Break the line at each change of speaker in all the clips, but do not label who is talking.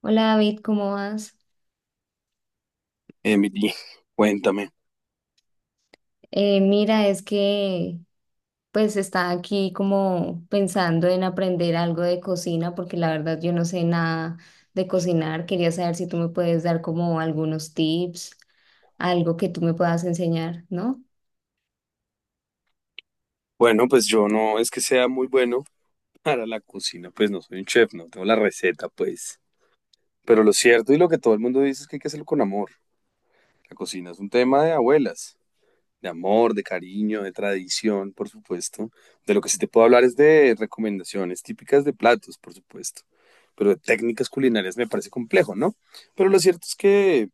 Hola David, ¿cómo vas?
Emily, cuéntame.
Mira, es que pues estaba aquí como pensando en aprender algo de cocina porque la verdad yo no sé nada de cocinar. Quería saber si tú me puedes dar como algunos tips, algo que tú me puedas enseñar, ¿no?
Bueno, pues yo no es que sea muy bueno para la cocina, pues no soy un chef, no tengo la receta, pues. Pero lo cierto y lo que todo el mundo dice es que hay que hacerlo con amor. La cocina es un tema de abuelas. De amor, de cariño, de tradición, por supuesto. De lo que sí te puedo hablar es de recomendaciones típicas de platos, por supuesto. Pero de técnicas culinarias me parece complejo, ¿no? Pero lo cierto es que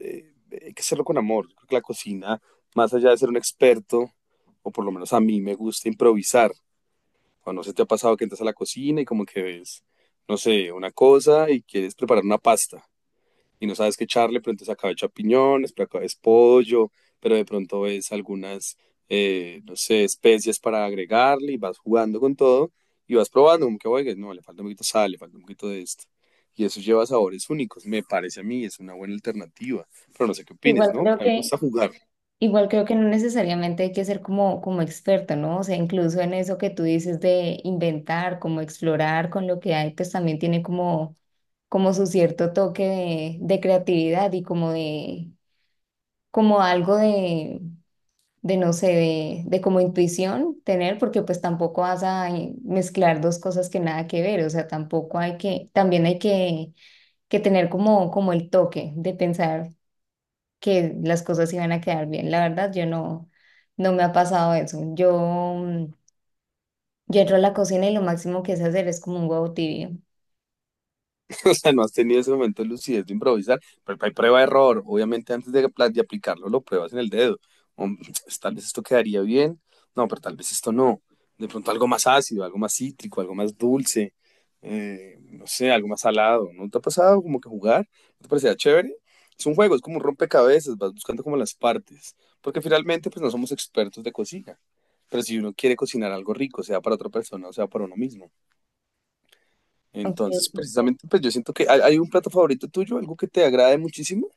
eh, hay que hacerlo con amor. Creo que la cocina, más allá de ser un experto, o por lo menos a mí me gusta improvisar. Cuando se te ha pasado que entras a la cocina y como que ves, no sé, una cosa y quieres preparar una pasta y no sabes qué echarle, pero entonces acá es champiñones, pero acá es pollo, pero de pronto ves algunas, no sé, especias para agregarle y vas jugando con todo y vas probando, como que, oiga, no, le falta un poquito de sal, le falta un poquito de esto. Y eso lleva sabores únicos, me parece a mí, es una buena alternativa, pero no sé qué opines,
Igual
¿no?
creo
Para mí me
que,
gusta jugar.
igual creo que no necesariamente hay que ser como, como experto, ¿no? O sea, incluso en eso que tú dices de inventar, como explorar con lo que hay, pues también tiene como como su cierto toque de creatividad y como de, como algo de, de no sé, de como intuición tener, porque pues tampoco vas a mezclar dos cosas que nada que ver, o sea, tampoco hay que, también hay que tener como, como el toque de pensar que las cosas iban a quedar bien. La verdad, yo no, no me ha pasado eso. Mm, yo entro a la cocina y lo máximo que sé hacer es como un huevo tibio.
O sea, no has tenido ese momento de lucidez de improvisar, pero hay prueba de error, obviamente antes de, de aplicarlo lo pruebas en el dedo, o, tal vez esto quedaría bien, no, pero tal vez esto no, de pronto algo más ácido, algo más cítrico, algo más dulce, no sé, algo más salado, ¿no te ha pasado como que jugar? ¿No te parecía chévere? Es un juego, es como un rompecabezas, vas buscando como las partes, porque finalmente pues no somos expertos de cocina, pero si uno quiere cocinar algo rico, sea para otra persona o sea para uno mismo.
Aunque,
Entonces, precisamente, pues yo siento que hay un plato favorito tuyo, algo que te agrade muchísimo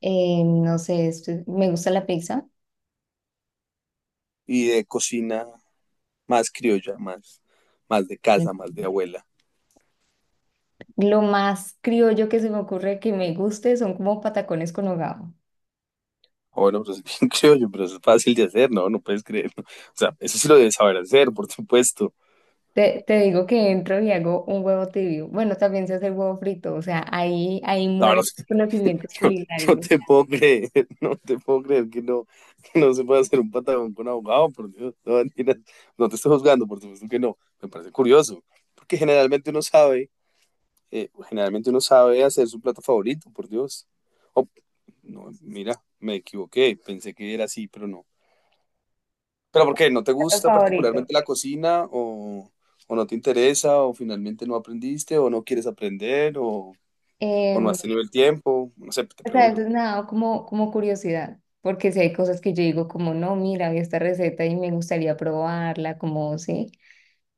no sé, me gusta la pizza.
y de cocina más criolla, más de casa, más de abuela.
Lo más criollo que se me ocurre que me guste son como patacones con hogao.
Ah, bueno, pues es bien criollo, pero eso es fácil de hacer, ¿no? No puedes creer. ¿No? O sea, eso sí lo debes saber hacer, por supuesto.
Te digo que entro y hago un huevo tibio. Bueno, también se hace el huevo frito, o sea, ahí
No, no,
mueren los
sé,
conocimientos
no, no
culinarios.
te puedo creer, no te puedo creer que no se pueda hacer un patagón con abogado, por Dios. No, mentiras. No te estoy juzgando, por supuesto que no. Me parece curioso, porque generalmente uno sabe generalmente uno sabe hacer su plato favorito, por Dios. Oh, no, mira, me equivoqué, pensé que era así, pero no. ¿Pero por qué? ¿No te
Plato
gusta
favorito.
particularmente la cocina o no te interesa o finalmente no aprendiste o no quieres aprender o no
Em,
has tenido el tiempo? No sé, te
o sea, eso
pregunto.
es nada como, como curiosidad, porque si hay cosas que yo digo como, no, mira, vi esta receta y me gustaría probarla, como, sí,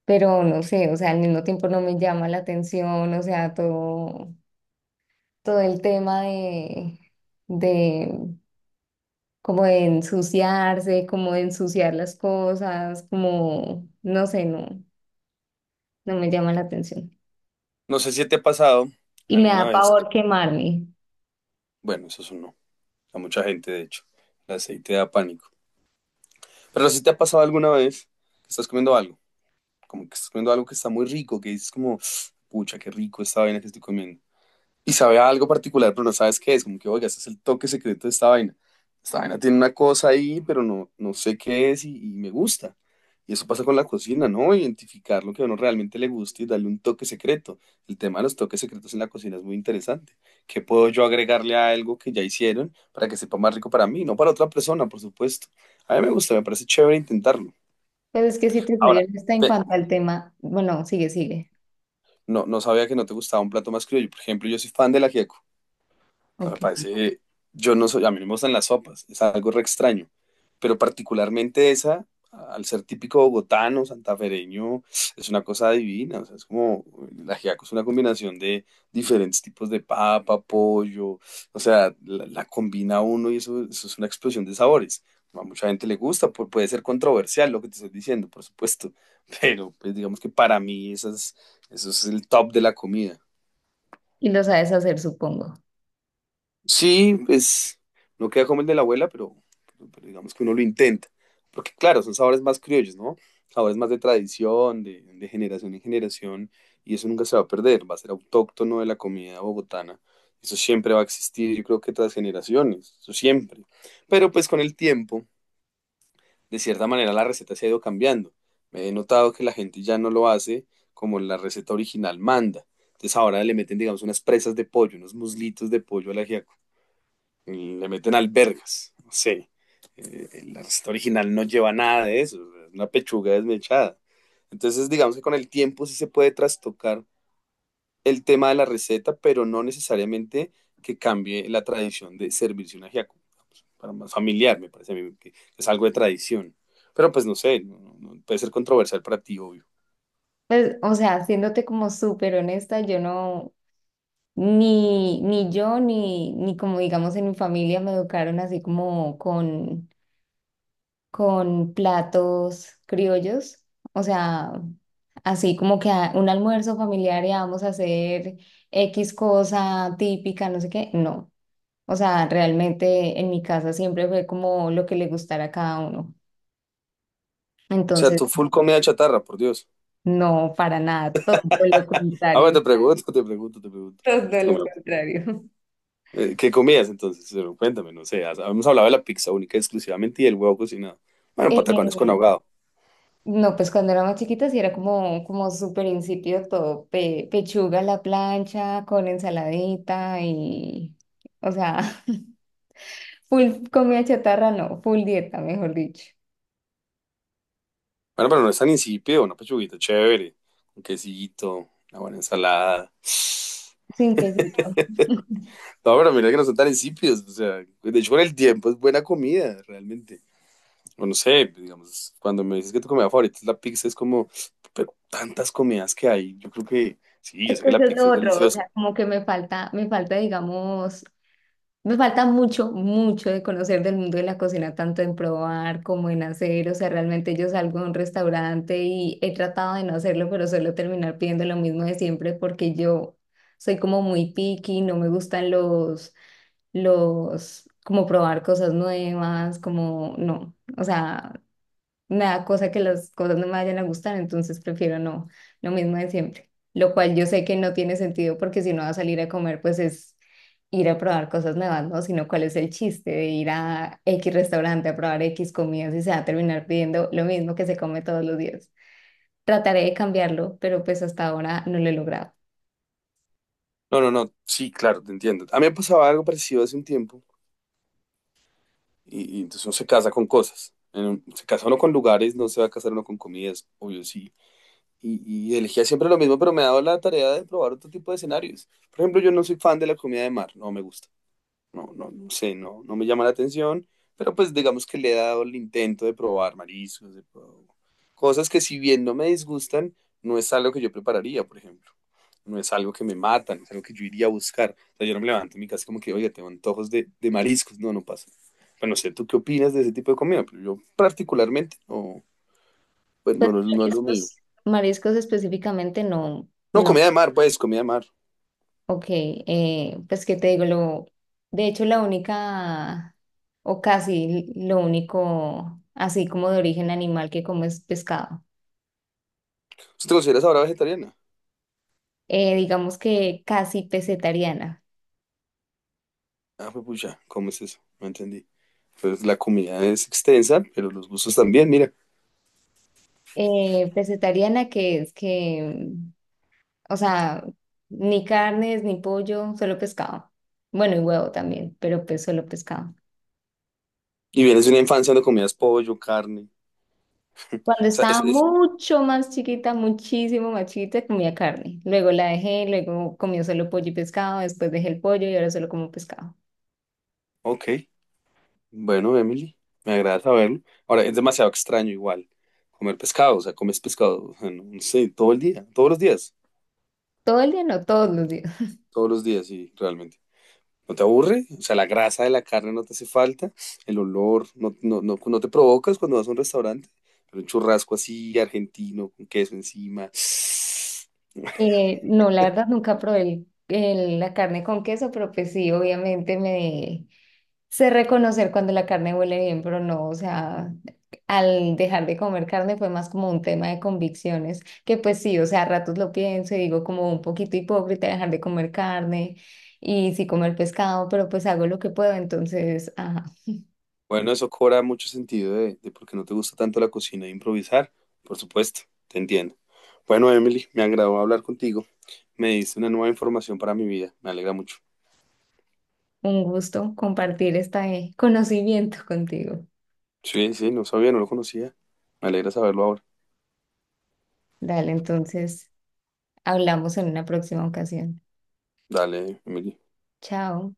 pero no sé, o sea, al mismo tiempo no me llama la atención, o sea, todo, todo el tema de como de ensuciarse, como de ensuciar las cosas, como, no sé, no me llama la atención.
No sé si te ha pasado
Y me
alguna
da
vez
pavor quemarme.
bueno, eso es un no, a mucha gente de hecho, el aceite da pánico. Pero si te ha pasado alguna vez que estás comiendo algo como que estás comiendo algo que está muy rico, que dices como, pucha, qué rico esta vaina que estoy comiendo. Y sabe a algo particular, pero no sabes qué es, como que, oiga, este es el toque secreto de esta vaina. Esta vaina tiene una cosa ahí, pero no, no sé qué es y me gusta. Y eso pasa con la cocina, ¿no? Identificar lo que a uno realmente le gusta y darle un toque secreto. El tema de los toques secretos en la cocina es muy interesante. ¿Qué puedo yo agregarle a algo que ya hicieron para que sepa más rico para mí? No para otra persona, por supuesto. A mí me gusta, me parece chévere intentarlo.
Pero es que si te soy
Ahora,
honesta en
pe-
cuanto al tema, bueno, sigue, sigue.
no, no sabía que no te gustaba un plato más criollo. Por ejemplo, yo soy fan del ajiaco. No me
Ok.
parece, yo no soy, a mí no me gustan las sopas, es algo re extraño, pero particularmente esa, al ser típico bogotano, santafereño, es una cosa divina, o sea, es como, la ajiaco es una combinación de diferentes tipos de papa, pollo, o sea, la combina uno y eso es una explosión de sabores. A mucha gente le gusta, puede ser controversial lo que te estoy diciendo, por supuesto, pero pues digamos que para mí eso es el top de la comida.
Y lo sabes hacer, supongo.
Sí, pues no queda como el de la abuela, pero digamos que uno lo intenta. Porque claro, son sabores más criollos, ¿no? Sabores más de tradición, de generación en generación, y eso nunca se va a perder, va a ser autóctono de la comida bogotana. Eso siempre va a existir, yo creo que tras generaciones, eso siempre. Pero pues con el tiempo, de cierta manera, la receta se ha ido cambiando. Me he notado que la gente ya no lo hace como la receta original manda. Entonces ahora le meten, digamos, unas presas de pollo, unos muslitos de pollo al ajiaco le meten albergas, no sé. La receta original no lleva nada de eso, una pechuga desmechada. Entonces, digamos que con el tiempo sí se puede trastocar el tema de la receta, pero no necesariamente que cambie la tradición de servirse un ajiaco. Pues, para más familiar, me parece a mí que es algo de tradición. Pero pues no sé, no puede ser controversial para ti, obvio.
Pues, o sea, siéndote como súper honesta, yo no, ni, ni yo, ni, ni como digamos en mi familia me educaron así como con platos criollos, o sea, así como que un almuerzo familiar y vamos a hacer X cosa típica, no sé qué, no. O sea, realmente en mi casa siempre fue como lo que le gustara a cada uno.
O sea,
Entonces,
tu full comida chatarra, por Dios.
no, para nada, todo lo
Ahora
contrario,
te pregunto, te pregunto, te pregunto. Si
todo
tu
lo contrario.
¿Qué comías entonces? Pero cuéntame, no sé. Habíamos hablado de la pizza única exclusivamente y del huevo cocinado. Bueno, patacones con
Eh,
ahogado.
No, pues cuando era más chiquita sí era como, como súper insípido todo, pechuga a la plancha con ensaladita y, o sea, full comida chatarra, no, full dieta, mejor dicho,
Bueno, pero no es tan insípido, una pechuguita chévere, un quesito, una buena ensalada.
sin quesito.
No, pero mira que no son tan insípidos. O sea, de hecho, con el tiempo es buena comida, realmente. O no sé, digamos, cuando me dices que tu comida favorita es la pizza, es como, pero tantas comidas que hay. Yo creo que, sí,
Es
yo sé
que
que
eso
la
es
pizza
lo
es
otro, o sea,
deliciosa.
como que digamos, me falta mucho, mucho de conocer del mundo de la cocina, tanto en probar como en hacer. O sea, realmente yo salgo a un restaurante y he tratado de no hacerlo, pero suelo terminar pidiendo lo mismo de siempre porque yo soy como muy picky, no me gustan como probar cosas nuevas, como no. O sea, me da cosa que las cosas no me vayan a gustar, entonces prefiero no, lo mismo de siempre. Lo cual yo sé que no tiene sentido porque si no va a salir a comer, pues es ir a probar cosas nuevas, ¿no? Sino cuál es el chiste de ir a X restaurante a probar X comidas y se va a terminar pidiendo lo mismo que se come todos los días. Trataré de cambiarlo, pero pues hasta ahora no lo he logrado.
No, no, no, sí, claro, te entiendo. A mí me pasaba algo parecido hace un tiempo. Y entonces uno se casa con cosas. Se casa uno con lugares, no se va a casar uno con comidas, obvio sí. Y elegía siempre lo mismo, pero me ha dado la tarea de probar otro tipo de escenarios. Por ejemplo, yo no soy fan de la comida de mar, no me gusta no, no, no sé, no, no me llama la atención, pero pues digamos que le he dado el intento de probar mariscos, de probar cosas que si bien no me disgustan, no es algo que yo prepararía, por ejemplo. No es algo que me matan, es algo que yo iría a buscar. O sea, yo no me levanto en mi casa como que, oye, tengo antojos de mariscos. No, no pasa. Bueno, no sé, ¿tú qué opinas de ese tipo de comida? Pero yo particularmente, no, pues
Pues
no, no, no es lo mío.
mariscos, mariscos específicamente no,
No,
no.
comida de mar, pues, comida de mar.
Ok, pues qué te digo, lo, de hecho la única, o casi lo único, así como de origen animal que como es pescado.
¿Usted te consideras ahora vegetariana?
Digamos que casi pesetariana.
Ah, pues pucha, ¿cómo es eso? No entendí. Pues la comida es extensa, pero los gustos también, mira.
Pesetariana que es que, o sea, ni carnes, ni pollo, solo pescado. Bueno, y huevo también, pero pues solo pescado.
Y vienes de una infancia donde comías pollo, carne. O
Cuando
sea, eso
estaba
es...
mucho más chiquita, muchísimo más chiquita, comía carne. Luego la dejé, luego comía solo pollo y pescado, después dejé el pollo y ahora solo como pescado.
Ok, bueno, Emily, me agrada saberlo. Ahora, es demasiado extraño igual comer pescado, o sea, comes pescado, o sea, no, no sé, todo el día,
Todo el día, no todos los días.
todos los días, sí, realmente. ¿No te aburre? O sea, la grasa de la carne no te hace falta, el olor, no, no, no, no te provocas cuando vas a un restaurante, pero un churrasco así, argentino, con queso encima.
No, la verdad nunca probé la carne con queso, pero pues sí, obviamente me sé reconocer cuando la carne huele bien, pero no, o sea, al dejar de comer carne fue más como un tema de convicciones, que pues sí, o sea, a ratos lo pienso y digo como un poquito hipócrita dejar de comer carne y sí comer pescado, pero pues hago lo que puedo, entonces, ajá,
Bueno, eso cobra mucho sentido de por qué no te gusta tanto la cocina e improvisar. Por supuesto, te entiendo. Bueno, Emily, me agradó hablar contigo. Me diste una nueva información para mi vida. Me alegra mucho.
un gusto compartir este conocimiento contigo.
Sí, sí, no sabía, no lo conocía. Me alegra saberlo ahora.
Dale, entonces, hablamos en una próxima ocasión.
Dale, Emily.
Chao.